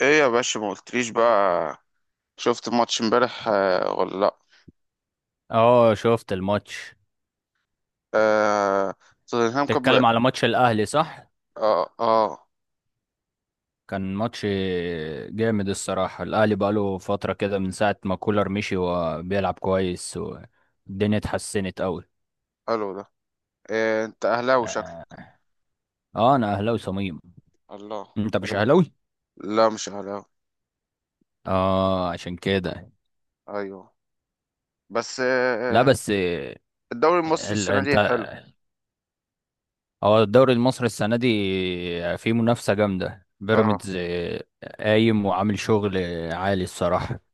ايه يا باشا، ما قلتليش بقى؟ شفت الماتش امبارح ولا لا؟ اه، شفت الماتش. آه. توتنهام كان تتكلم بقى. على ماتش الاهلي، صح؟ اه، اه. كان ماتش جامد الصراحة. الاهلي بقاله فترة كده من ساعة ما كولر مشي، وبيلعب كويس والدنيا اتحسنت قوي. حلو ده. إيه، انت اهلاوي شكلك؟ اه. انا اهلاوي صميم. الله. انت مش حلو. اهلاوي؟ لا، مش اهلاوي. اه، عشان كده. ايوه، بس لا، بس الدوري المصري السنه انت. دي حلو. هو الدوري المصري السنة دي فيه منافسة جامدة، اه. بيراميدز قايم وعامل شغل عالي الصراحة.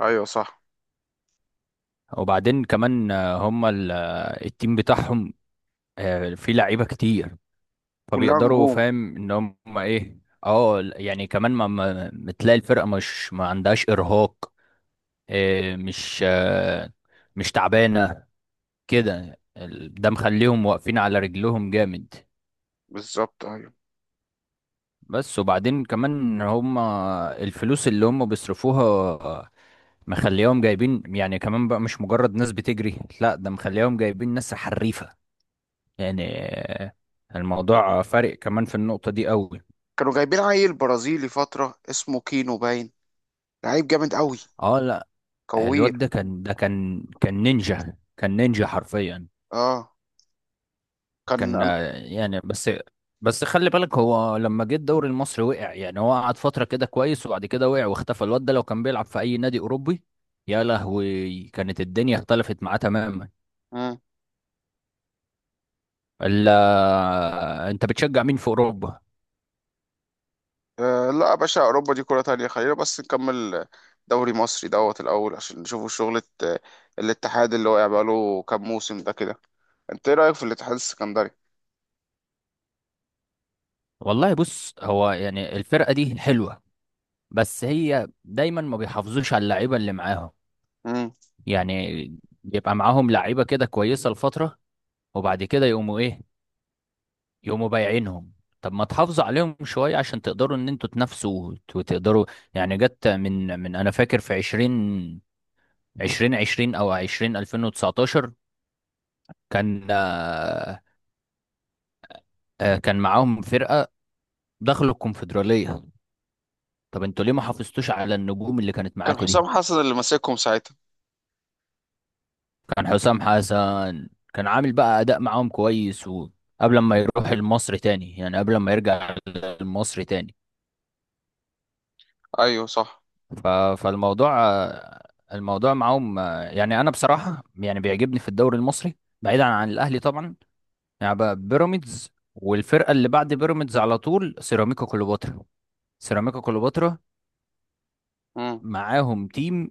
ايوه صح. وبعدين كمان هما التيم بتاعهم في لعيبه كتير، كلها فبيقدروا، نجوم. فاهم ان هم ايه. اه، يعني كمان بتلاقي الفرقه مش ما عندهاش ارهاق، آه، مش آه، مش تعبانه كده. ده مخليهم واقفين على رجلهم جامد. بالظبط، ايوه. بس وبعدين كمان هم الفلوس اللي هم بيصرفوها مخليهم جايبين، يعني كمان بقى مش مجرد ناس بتجري، لا ده مخليهم جايبين ناس حريفه يعني. آه، الموضوع فارق كمان في النقطه دي قوي. كانوا جايبين عيل برازيلي فتره اسمه كينو باين، لعيب جامد قوي. اه، لا، كوير. الواد ده كان نينجا، كان نينجا حرفيا. اه. كان كان. آه، يعني بس. بس خلي بالك، هو لما جه الدوري المصري وقع. يعني هو قعد فترة كده كويس وبعد كده وقع واختفى. الواد ده لو كان بيلعب في أي نادي أوروبي، يا لهوي كانت الدنيا اختلفت معاه تماما. انا الا، انت بتشجع مين في أوروبا؟ لا يا باشا، أوروبا دي كرة تانية، خلينا بس نكمل دوري مصري دوت الأول عشان نشوفوا شغلة. الاتحاد اللي واقع بقاله كام موسم ده كده. أنت إيه رأيك في الاتحاد السكندري؟ والله بص، هو يعني الفرقة دي حلوة، بس هي دايما ما بيحافظوش على اللعيبة اللي معاهم. مم. يعني بيبقى معاهم لعيبة كده كويسة لفترة، وبعد كده يقوموا ايه، يقوموا بايعينهم. طب ما تحافظوا عليهم شوية عشان تقدروا ان انتوا تنافسوا وتقدروا. يعني جت من انا فاكر في عشرين عشرين او الفين وتسعتاشر. كان آه، آه، كان معاهم فرقة، دخلوا الكونفدرالية. طب انتوا ليه ما حافظتوش على النجوم اللي كانت كان معاكوا دي؟ حسام حسن اللي ماسكهم ساعتها. كان حسام حسن. كان عامل بقى اداء معاهم كويس، وقبل ما يروح المصري تاني، يعني قبل ما يرجع المصري تاني. أيوه صح. ف... فالموضوع الموضوع معاهم. يعني انا بصراحه يعني بيعجبني في الدوري المصري بعيدا عن الاهلي طبعا، يعني بقى بيراميدز، والفرقه اللي بعد بيراميدز على طول سيراميكا كليوباترا. سيراميكا كليوباترا مم. معاهم تيم،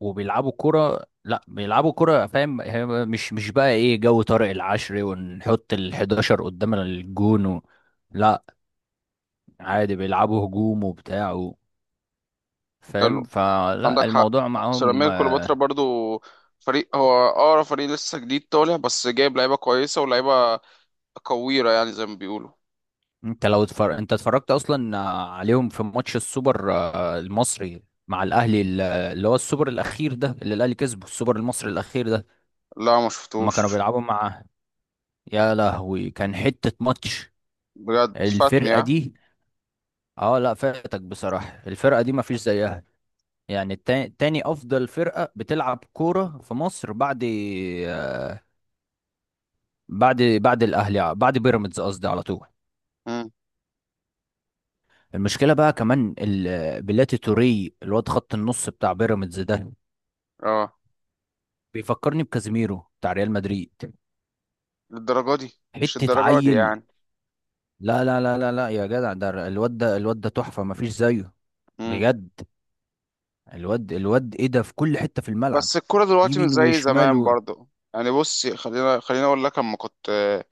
وبيلعبوا كرة. لا بيلعبوا كرة، فاهم، هي مش بقى ايه جو طارق العشري ونحط ال 11 قدام الجون لا، عادي بيلعبوا هجوم وبتاع فاهم، حلو. فلا عندك حق. الموضوع معاهم. سيراميكا كليوباترا برضو فريق، هو أقرب فريق لسه جديد طالع، بس جايب لعيبة كويسة ولعيبة كويرة يعني، زي ما بيقولوا. انت اتفرجت اصلا عليهم في ماتش السوبر المصري مع الاهلي، اللي هو السوبر الاخير ده، اللي الاهلي كسبه السوبر المصري الاخير ده. لا، ما اما كانوا شفتوش. بيلعبوا مع، يا لهوي كان حتة ماتش بجد فاتني الفرقة ها. دي. اه لا، فاتك بصراحة، الفرقة دي مفيش زيها. يعني تاني افضل فرقة بتلعب كورة في مصر بعد آه، بعد الاهلي، بعد بيراميدز قصدي على طول. مم. المشكلة بقى كمان بلاتي توري، الواد خط النص بتاع بيراميدز ده، اه. بيفكرني بكازيميرو بتاع ريال مدريد. للدرجة دي؟ مش حتة الدرجة دي عيل. يعني. لا لا لا لا لا، يا جدع ده الواد ده، الواد ده تحفة مفيش زيه مم. بجد. الواد ايه ده، في كل حتة في الملعب، بس الكورة دلوقتي مش يمين زي وشمال زمان برضو. يعني بص، خلينا اقول لك، لما كنت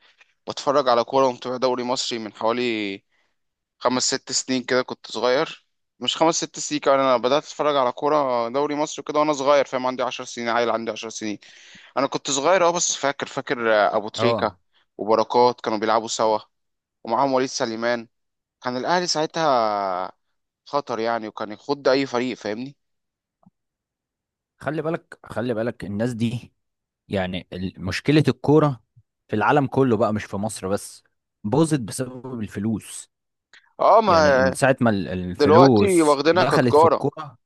بتفرج على كورة ومتابع دوري مصري من حوالي خمس ست سنين كده، كنت صغير. مش خمس ست سنين كمان، انا بدأت اتفرج على كورة دوري مصري كده وانا صغير، فاهم؟ عندي 10 سنين، عيل عندي 10 سنين. انا كنت صغير، بس فاكر، فاكر ابو تريكة اه، وبركات كانوا بيلعبوا سوا، ومعاهم وليد سليمان. كان الاهلي ساعتها خطر يعني، وكان يخض اي فريق، فاهمني؟ خلي بالك خلي بالك، الناس دي يعني، مشكلة الكورة في العالم كله بقى مش في مصر بس، باظت بسبب الفلوس. اه، يعني من ما ساعة ما دلوقتي الفلوس واخدينها دخلت في كتجارة. الكورة،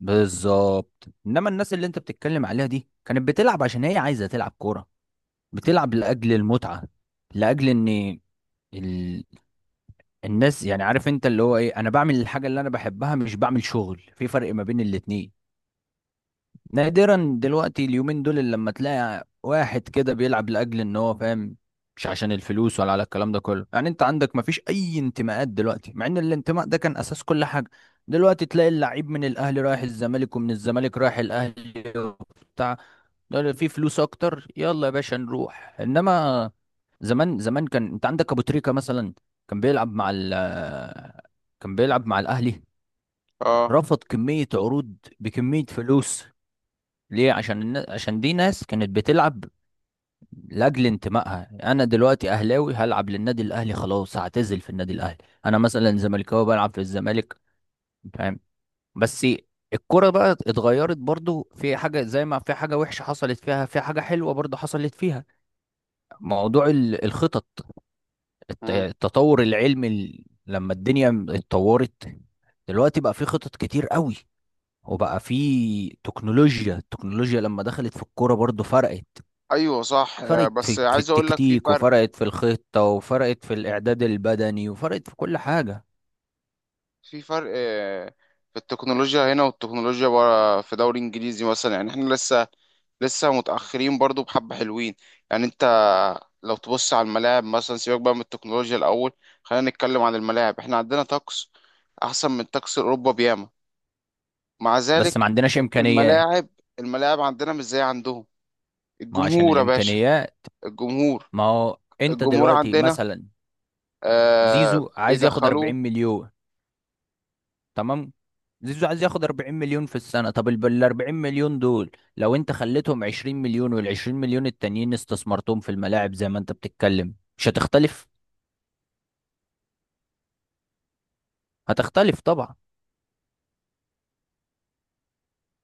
بالظبط. انما الناس اللي انت بتتكلم عليها دي كانت بتلعب عشان هي عايزة تلعب كورة، بتلعب لاجل المتعه، لاجل ان ال... الناس، يعني عارف انت اللي هو ايه، انا بعمل الحاجه اللي انا بحبها، مش بعمل شغل، في فرق ما بين الاتنين. نادرا دلوقتي اليومين دول اللي لما تلاقي واحد كده بيلعب لاجل ان هو فاهم، مش عشان الفلوس ولا على الكلام ده كله. يعني انت عندك ما فيش اي انتماءات دلوقتي، مع ان الانتماء ده كان اساس كل حاجه. دلوقتي تلاقي اللعيب من الاهلي رايح الزمالك، ومن الزمالك رايح الاهلي وبتاع، ده في فلوس اكتر، يلا يا باشا نروح. انما زمان، زمان كان انت عندك ابو تريكة مثلا، كان بيلعب مع ال كان بيلعب مع الاهلي، اه، رفض كمية عروض بكمية فلوس. ليه؟ عشان دي ناس كانت بتلعب لاجل انتمائها. انا دلوقتي اهلاوي، هلعب للنادي الاهلي خلاص، هعتزل في النادي الاهلي. انا مثلا زملكاوي، بلعب في الزمالك، فاهم؟ بس الكرة بقى اتغيرت برضو، في حاجة زي ما في حاجة وحشة حصلت فيها، في حاجة حلوة برضو حصلت فيها. موضوع الخطط، التطور العلمي، لما الدنيا اتطورت دلوقتي، بقى في خطط كتير قوي، وبقى في تكنولوجيا. التكنولوجيا لما دخلت في الكورة برضو فرقت، ايوه صح، فرقت بس في عايز اقول لك في التكتيك، فرق، وفرقت في الخطة، وفرقت في الإعداد البدني، وفرقت في كل حاجة. في فرق آه، في التكنولوجيا هنا والتكنولوجيا بره. في دوري انجليزي مثلا يعني احنا لسه لسه متاخرين برضو، بحبه حلوين يعني. انت لو تبص على الملاعب مثلا، سيبك بقى من التكنولوجيا الاول، خلينا نتكلم عن الملاعب. احنا عندنا طقس احسن من طقس اوروبا بياما، مع بس ما ذلك عندناش إمكانيات. الملاعب، الملاعب عندنا مش زي عندهم. ما هو عشان الجمهور يا باشا. الإمكانيات، الجمهور، ما هو أنت الجمهور دلوقتي عندنا مثلا زيزو عايز ياخد 40 بيدخلوه. مليون، تمام؟ زيزو عايز ياخد 40 مليون في السنة، طب ال 40 مليون دول لو انت خليتهم 20 مليون، وال 20 مليون التانيين استثمرتهم في الملاعب زي ما انت بتتكلم، مش هتختلف؟ هتختلف طبعا.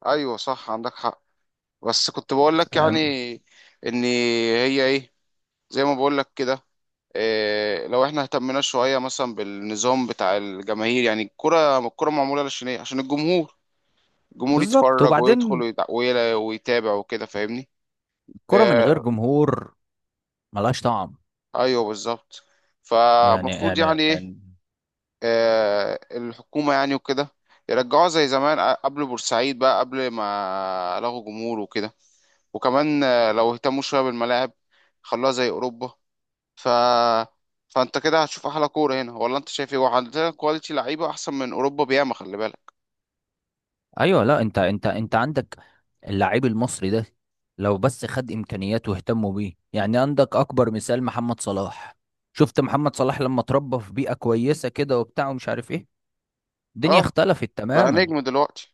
ايوه صح، عندك حق، بس كنت بقول لك يعني، يعني ان هي ايه، زي ما بقول لك كده. إيه لو احنا اهتمنا شويه مثلا بالنظام بتاع الجماهير؟ يعني الكره، الكره معموله عشان ايه؟ عشان الجمهور. الجمهور بالظبط. يتفرج ويدخل وبعدين ويتابع وكده، فاهمني؟ الكرة من إيه. غير جمهور ملهاش طعم. ايوه بالظبط. يعني فالمفروض يعني يعني ايه؟ يعني- إيه، الحكومه يعني وكده يرجعوها زي زمان قبل بورسعيد بقى، قبل ما لغوا جمهور وكده. وكمان لو اهتموا شويه بالملاعب، خلوها زي اوروبا. ف فانت كده هتشوف احلى كوره هنا؟ ولا انت شايف ايه؟ وعندنا كواليتي لعيبه احسن من اوروبا بياما، خلي بالك. ايوه، لا انت، انت عندك اللاعب المصري ده، لو بس خد امكانيات واهتموا بيه، يعني عندك اكبر مثال محمد صلاح. شفت محمد صلاح لما اتربى في بيئة كويسة كده وبتاع ومش عارف ايه، الدنيا اه، اختلفت بقى تماما. نجم دلوقتي.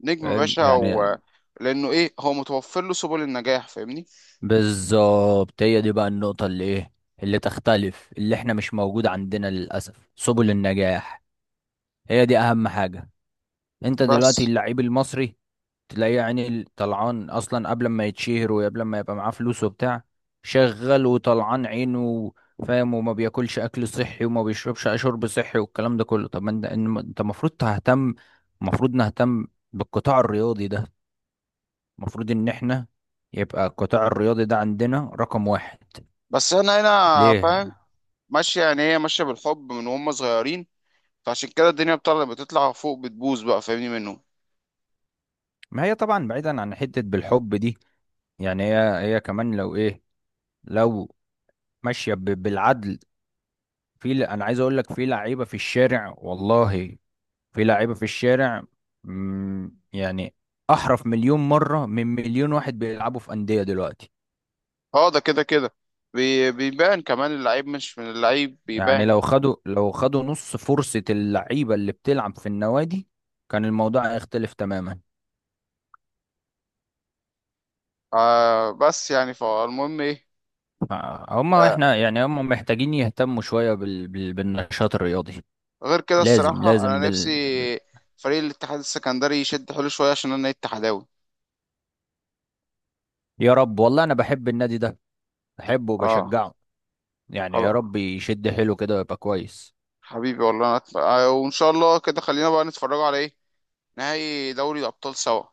نجم يا فاهم باشا. يعني؟ لانه ايه، هو متوفر له سبل النجاح، فاهمني؟ بالظبط، هي دي بقى النقطة اللي ايه، اللي تختلف، اللي احنا مش موجود عندنا للأسف سبل النجاح. هي دي أهم حاجة. انت دلوقتي بس. اللعيب المصري تلاقيه، يعني طلعان أصلا قبل ما يتشهر وقبل ما يبقى معاه فلوس وبتاع، شغال وطلعان عينه، فاهم؟ وما بياكلش أكل صحي وما بيشربش شرب صحي والكلام ده كله. طب ما انت انت المفروض تهتم، المفروض نهتم بالقطاع الرياضي ده، المفروض ان احنا يبقى القطاع الرياضي ده عندنا رقم واحد. بس انا هنا فاهم. ليه؟ ماشيه يعني، هي ماشيه بالحب من وهم صغيرين، فعشان كده الدنيا بتطلع بتطلع فوق، بتبوظ بقى فاهمني منهم. ما هي طبعا بعيدا عن حتة بالحب دي، يعني هي هي كمان لو ايه، لو ماشية بالعدل. انا عايز اقول لك في لعيبة في الشارع والله، في لعيبة في الشارع، يعني احرف مليون مرة من مليون واحد بيلعبوا في أندية دلوقتي. اه، ده كده كده. بيبان كمان اللعيب، مش من اللعيب يعني بيبان. لو خدوا، لو خدوا نص فرصة اللعيبة اللي بتلعب في النوادي، كان الموضوع هيختلف تماما. بس يعني، فالمهم ايه؟ هما آه، احنا يعني هما محتاجين يهتموا شوية بالنشاط الرياضي. غير كده لازم الصراحة، لازم أنا نفسي بال... فريق الاتحاد السكندري يشد حلو شوية عشان أنا اتحداوي. يا رب، والله انا بحب النادي ده، بحبه اه. وبشجعه. يعني يا خلاص. رب يشد حيله كده ويبقى كويس. حبيبي والله، أنا أتف... آه وإن شاء الله كده، خلينا بقى نتفرجوا على إيه، نهائي دوري الأبطال سوا،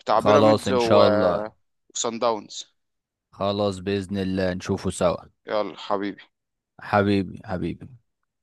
بتاع خلاص بيراميدز ان و- شاء الله. وصن داونز. خلاص بإذن الله نشوفه سوا. يلا حبيبي. حبيبي حبيبي.